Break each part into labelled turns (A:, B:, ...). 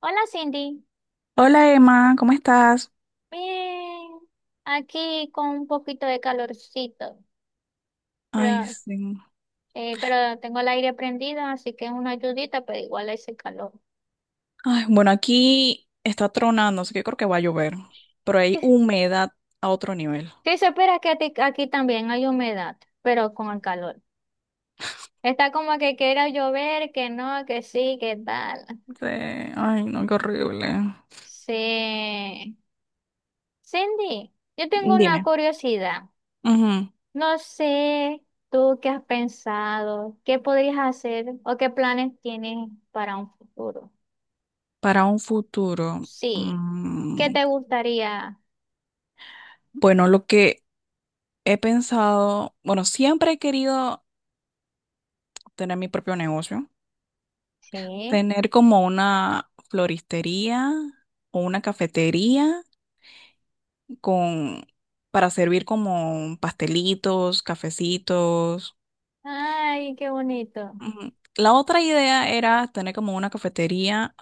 A: Hola Cindy,
B: Hola Emma, ¿cómo estás?
A: bien, aquí con un poquito de calorcito,
B: Ay,
A: pero,
B: sí.
A: pero tengo el aire prendido, así que es una ayudita, pero igual ese calor.
B: Ay, bueno, aquí está tronando, así que creo que va a llover, pero hay humedad a otro nivel.
A: Sí, se espera que aquí también hay humedad, pero con el calor. Está como que quiera llover, que no, que sí, que tal.
B: Sí. Ay, no, qué horrible.
A: Sí. Cindy, yo tengo una
B: Dime.
A: curiosidad.
B: Ujú.
A: No sé tú qué has pensado, qué podrías hacer o qué planes tienes para un futuro.
B: Para un futuro.
A: Sí. ¿Qué
B: mm,
A: te gustaría?
B: bueno, lo que he pensado, bueno, siempre he querido tener mi propio negocio,
A: Sí.
B: tener como una floristería o una cafetería con, para servir como pastelitos, cafecitos.
A: Ay, qué bonito.
B: Ujú. La otra idea era tener como una cafetería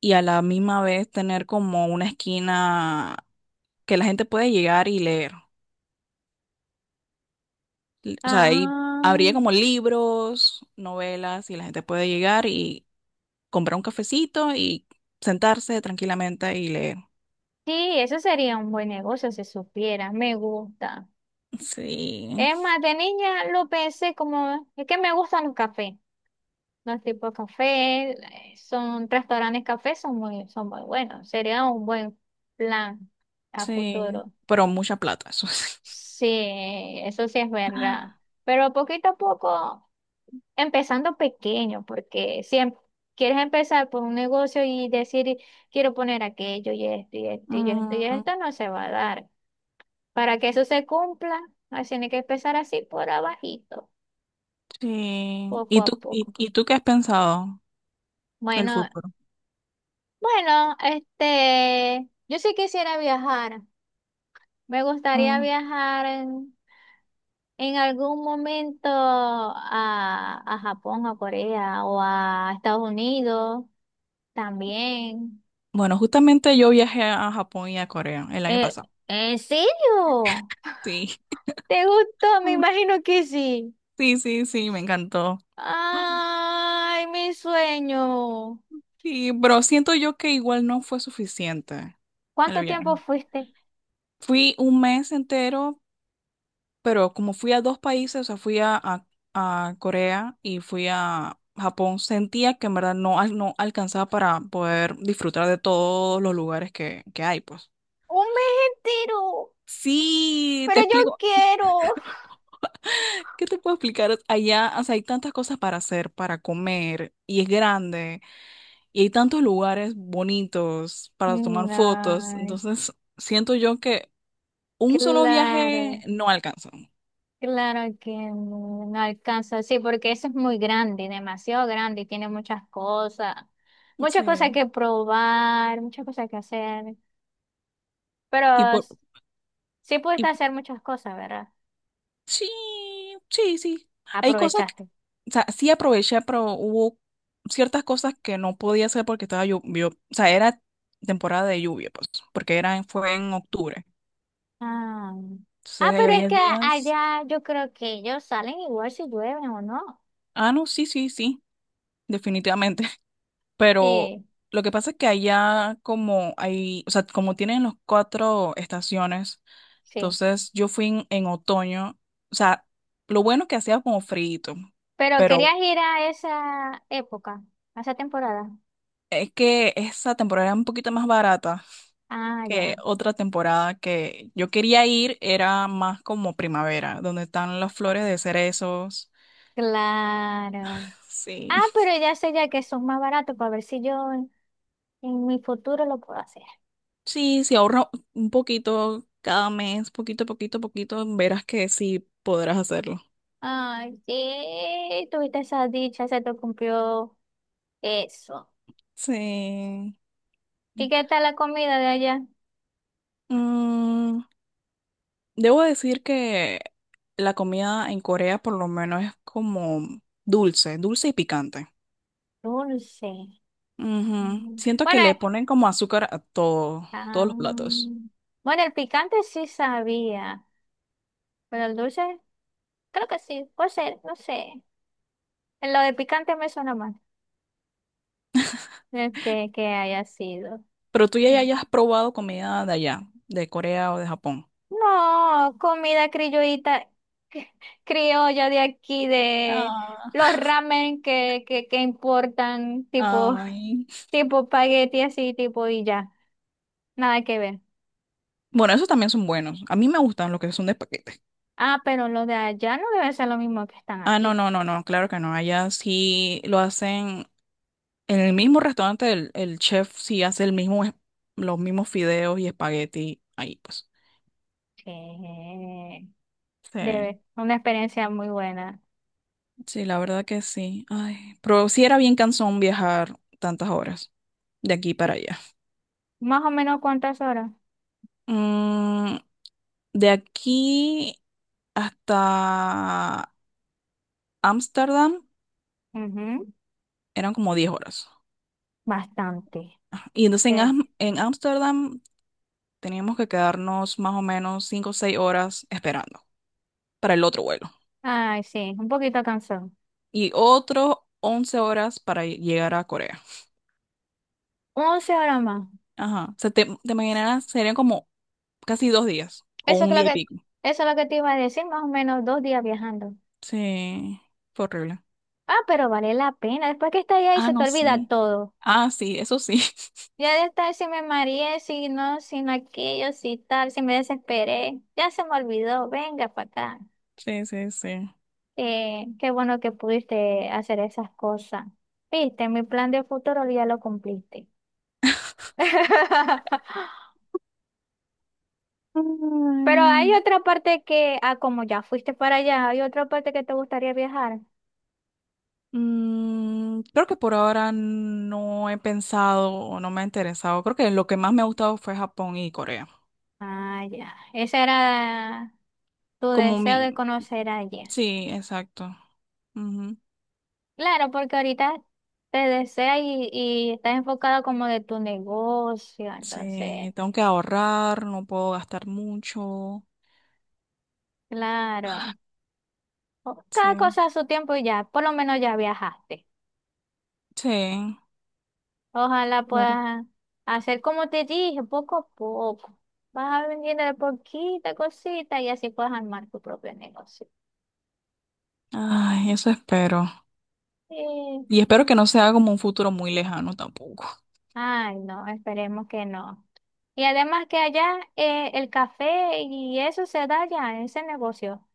B: y a la misma vez tener como una esquina que la gente puede llegar y leer. O sea, ahí
A: Ah,
B: habría como libros, novelas y la gente puede llegar y comprar un cafecito y sentarse tranquilamente y leer.
A: sí, eso sería un buen negocio si supiera. Me gusta.
B: Sí,
A: Es más, de niña lo pensé como, es que me gustan los cafés. Los tipos de café, son restaurantes cafés, son muy buenos. Sería un buen plan a
B: sí,
A: futuro.
B: pero mucha plata, eso sí.
A: Sí, eso sí es verdad. Pero poquito a poco. Empezando pequeño, porque siempre quieres empezar por un negocio y decir, quiero poner aquello y esto y esto y esto y esto, no se va a dar. Para que eso se cumpla, así tiene que empezar así por abajito,
B: Sí.
A: poco
B: ¿Y
A: a
B: tú, y,
A: poco.
B: y tú qué has pensado del
A: Bueno,
B: futuro?
A: bueno, este, yo sí quisiera viajar. Me gustaría
B: Mm.
A: viajar en algún momento a Japón, a Corea o a Estados Unidos también.
B: Bueno, justamente yo viajé a Japón y a Corea el año
A: Eh,
B: pasado.
A: ¿En serio?
B: Sí.
A: ¿Te gustó? Me
B: Mm.
A: imagino que sí.
B: Sí, sí, sí, me encantó.
A: Ay, mi sueño.
B: Sí, pero siento yo que igual no fue suficiente el
A: ¿Cuánto
B: viaje.
A: tiempo fuiste?
B: Fui un mes entero, pero como fui a dos países, o sea, a Corea y fui a Japón, sentía que en verdad no alcanzaba para poder disfrutar de todos los lugares que hay, pues.
A: Un mes entero,
B: Sí,
A: pero
B: te
A: yo
B: explico.
A: quiero.
B: ¿Qué te puedo explicar? Allá, o sea, hay tantas cosas para hacer, para comer, y es grande, y hay tantos lugares bonitos para tomar fotos.
A: No,
B: Entonces, siento yo que un solo
A: claro,
B: viaje no alcanza.
A: claro que no, no alcanza. Sí, porque eso es muy grande, demasiado grande y tiene muchas cosas
B: Sí.
A: que probar, muchas cosas que hacer.
B: Y
A: Pero
B: por,
A: s- sí
B: y
A: pudiste hacer muchas cosas, ¿verdad?
B: sí, sí, sí. Hay cosas que,
A: Aprovechaste.
B: o sea, sí aproveché, pero hubo ciertas cosas que no podía hacer porque estaba lluvia, o sea, era temporada de lluvia, pues, porque fue en octubre.
A: Ah. Ah,
B: Entonces,
A: pero
B: hay
A: es
B: 10
A: que
B: días.
A: allá yo creo que ellos salen igual si llueven o no.
B: Ah, no, sí, sí, sí. Definitivamente. Pero
A: Sí,
B: lo que pasa es que allá como hay, o sea, como tienen los cuatro estaciones,
A: sí.
B: entonces yo fui en otoño, o sea, lo bueno que hacía como frío,
A: Pero
B: pero
A: querías ir a esa época, a esa temporada.
B: es que esa temporada era un poquito más barata
A: Ah,
B: que
A: ya.
B: otra temporada que yo quería ir, era más como primavera, donde están las flores
A: Ah,
B: de cerezos.
A: Claro. Ah,
B: Sí,
A: pero ya sé ya que son más baratos para ver si yo en mi futuro lo puedo hacer.
B: sí, si ahorro un poquito cada mes, poquito, poquito, poquito, verás que sí podrás hacerlo.
A: Ay, sí, tuviste esa dicha, se te cumplió eso.
B: Sí.
A: ¿Y qué tal la comida de allá?
B: Mm, Debo decir que la comida en Corea por lo menos es como dulce, dulce y picante.
A: Dulce.
B: Ujú.
A: Mm.
B: Siento que
A: Bueno,
B: le ponen como azúcar a todo,
A: Ah.
B: todos los platos.
A: Bueno, el picante sí sabía, pero el dulce, creo que sí, puede ser, no sé. Lo de picante me suena mal, que haya sido.
B: Pero tú ya hayas probado comida de allá, de Corea o de Japón.
A: No, comida criollita, cri- criolla de aquí, de los
B: Ah,
A: ramen que importan, tipo,
B: ay.
A: tipo espagueti así, tipo y ya, nada que ver.
B: Bueno, esos también son buenos. A mí me gustan los que son de paquete.
A: Ah, pero los de allá no debe ser lo mismo que están
B: Ah, no,
A: aquí.
B: no, no, no, claro que no. Allá sí lo hacen. En el mismo restaurante el chef sí hace los mismos fideos y espagueti ahí, pues.
A: Sí.
B: Sí,
A: Debe, una experiencia muy buena.
B: sí, la verdad que sí. Ay, pero sí era bien cansón viajar tantas horas de aquí para allá.
A: Más o menos cuántas horas.
B: Mm, de aquí hasta Ámsterdam
A: Ujú,
B: eran como 10 horas.
A: bastante.
B: Ajá. Y entonces en
A: Sí.
B: en Ámsterdam teníamos que quedarnos más o menos cinco o 6 horas esperando para el otro vuelo.
A: Ay, sí, un poquito cansado.
B: Y otros 11 horas para llegar a Corea.
A: Once horas más.
B: Ajá. O sea, te imaginarás serían como casi 2 días o
A: Eso es
B: un
A: lo
B: día y
A: que,
B: pico.
A: eso es lo que te iba a decir, más o menos dos días viajando.
B: Sí, fue horrible.
A: Ah, pero vale la pena. Después que estás ahí
B: Ah,
A: se te
B: no,
A: olvida
B: sí.
A: todo.
B: Ah, sí, eso sí.
A: Ya de estar si me mareé, si no, si no aquello, si tal, si me desesperé. Ya se me olvidó. Venga para acá.
B: Sí, sí, sí.
A: Qué bueno que pudiste hacer esas cosas. Viste, mi plan de futuro ya lo cumpliste. Pero
B: Ay,
A: hay otra parte que, ah, como ya fuiste para allá, hay otra parte que te gustaría viajar.
B: creo que por ahora no he pensado o no me ha interesado. Creo que lo que más me ha gustado fue Japón y Corea.
A: Ah, ya. Ese era tu
B: Como
A: deseo de
B: mi...
A: conocer allá.
B: Sí, exacto. Ujú.
A: Claro, porque ahorita te desea y estás enfocada como de tu negocio, entonces,
B: Sí, tengo que ahorrar, no puedo gastar mucho.
A: claro. O- cada
B: Sí,
A: cosa a su tiempo y ya, por lo menos ya viajaste.
B: sí,
A: Ojalá
B: claro.
A: puedas hacer como te dije, poco a poco. Vas vendiendo de poquita cosita y así puedes armar tu propio negocio.
B: Ay, eso espero.
A: Sí.
B: Y espero que no sea como un futuro muy lejano tampoco.
A: Ay, no, esperemos que no. Y además que allá el café y eso se da ya, en ese negocio.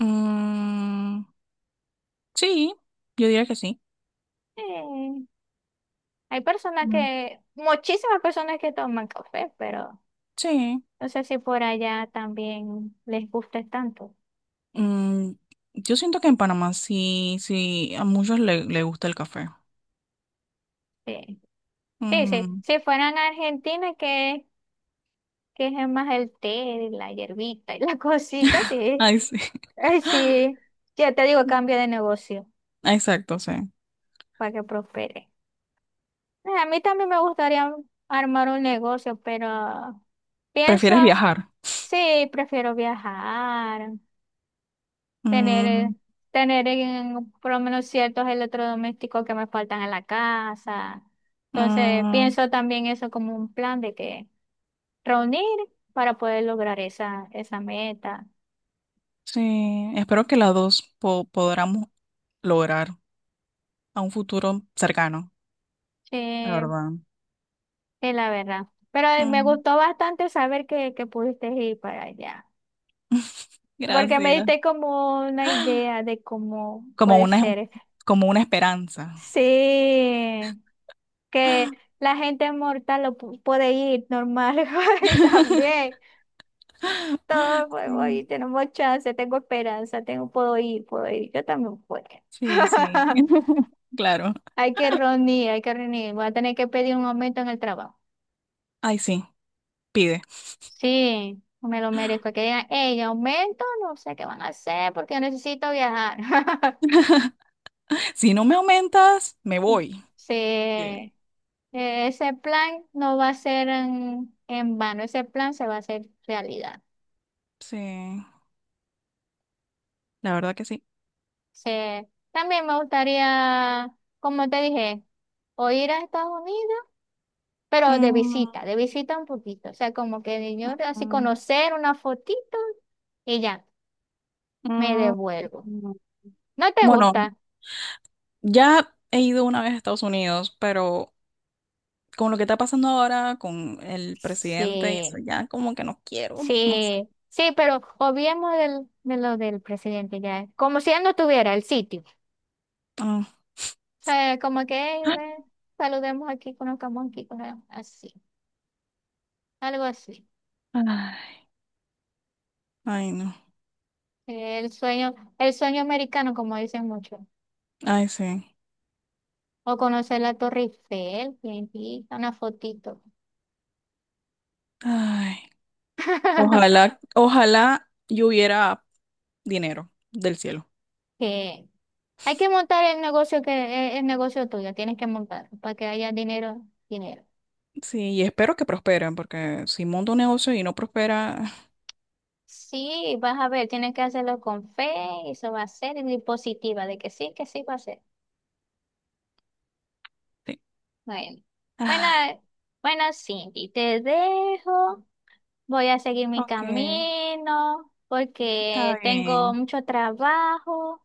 B: Mm, sí, yo diría que sí.
A: Sí. Hay personas
B: Mm,
A: que, muchísimas personas que toman café, pero
B: sí.
A: no sé si por allá también les guste tanto.
B: Mm, yo siento que en Panamá sí, sí, a muchos le gusta el café.
A: Sí, sí, sí.
B: Mm,
A: Si fueran a Argentina, que es más el té, la hierbita y la cosita, sí.
B: ay, sí.
A: Ay, sí, ya te digo, cambia de negocio
B: Exacto, sí.
A: para que prospere. A mí también me gustaría armar un negocio, pero pienso,
B: ¿Prefieres viajar?
A: sí, prefiero viajar, tener,
B: Mm,
A: eh, tener por lo menos ciertos electrodomésticos que me faltan en la casa. Entonces,
B: mm,
A: pienso también eso como un plan de que reunir para poder lograr esa meta.
B: sí, espero que las dos podamos lograr a un futuro cercano, la
A: Sí,
B: verdad.
A: es la verdad. Pero me
B: Mm.
A: gustó bastante saber que pudiste ir para allá. Porque me
B: Gracias.
A: diste como una idea de cómo
B: Como
A: puede
B: una,
A: ser.
B: como una esperanza.
A: Sí, que la gente mortal lo puede ir normal y también. Todos podemos
B: Sí.
A: ir, tenemos chance, tengo esperanza, tengo, puedo ir, puedo ir. Yo también puedo.
B: Sí, sí. Claro.
A: Hay que reunir, hay que reunir. Voy a tener que pedir un aumento en el trabajo.
B: Ay, sí, pide.
A: Sí, me lo merezco. Que digan, hey, aumento, no sé qué van a hacer porque yo necesito viajar.
B: Si no me aumentas, me voy.
A: Sí,
B: Bien.
A: ese plan no va a ser en vano, ese plan se va a hacer realidad.
B: Sí, la verdad que sí.
A: Sí, también me gustaría, como te dije, o ir a Estados Unidos, pero
B: Mm,
A: de visita un poquito. O sea, como que yo así
B: mm,
A: conocer una fotito y ya, me
B: mm,
A: devuelvo.
B: mm.
A: ¿No te
B: Bueno,
A: gusta?
B: ya he ido una vez a Estados Unidos, pero con lo que está pasando ahora con el presidente y eso,
A: Sí.
B: ya como que no quiero, no sé.
A: Sí, sí, pero obviemos de lo del presidente ya, como si él no tuviera el sitio.
B: Ah.
A: O sea, como que "Ey, ve, saludemos aquí, conozcamos así, algo así".
B: Ay, ay, no.
A: El sueño americano, como dicen muchos.
B: Ay, sí.
A: O conocer la Torre Eiffel, tientita, una fotito.
B: Ay. Ojalá, ojalá yo hubiera dinero del cielo.
A: Que hay que montar el negocio el negocio tuyo, tienes que montar para que haya dinero, dinero.
B: Sí, y espero que prosperen, porque si monto un negocio y no prospera,
A: Sí, vas a ver, tienes que hacerlo con fe, eso va a ser, y positiva, de que sí va a ser.
B: sí.
A: Bueno, bueno,
B: Ah,
A: eh, bueno, Cindy, te dejo, voy a seguir mi
B: ok,
A: camino,
B: está
A: porque tengo
B: bien.
A: mucho trabajo,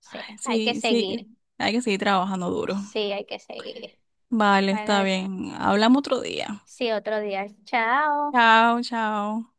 A: sí, hay que
B: Sí, sí,
A: seguir,
B: hay que seguir trabajando duro.
A: sí, hay que seguir.
B: Vale, está
A: Bueno,
B: bien. Hablamos otro día.
A: sí, otro día, chao.
B: Chao, chao.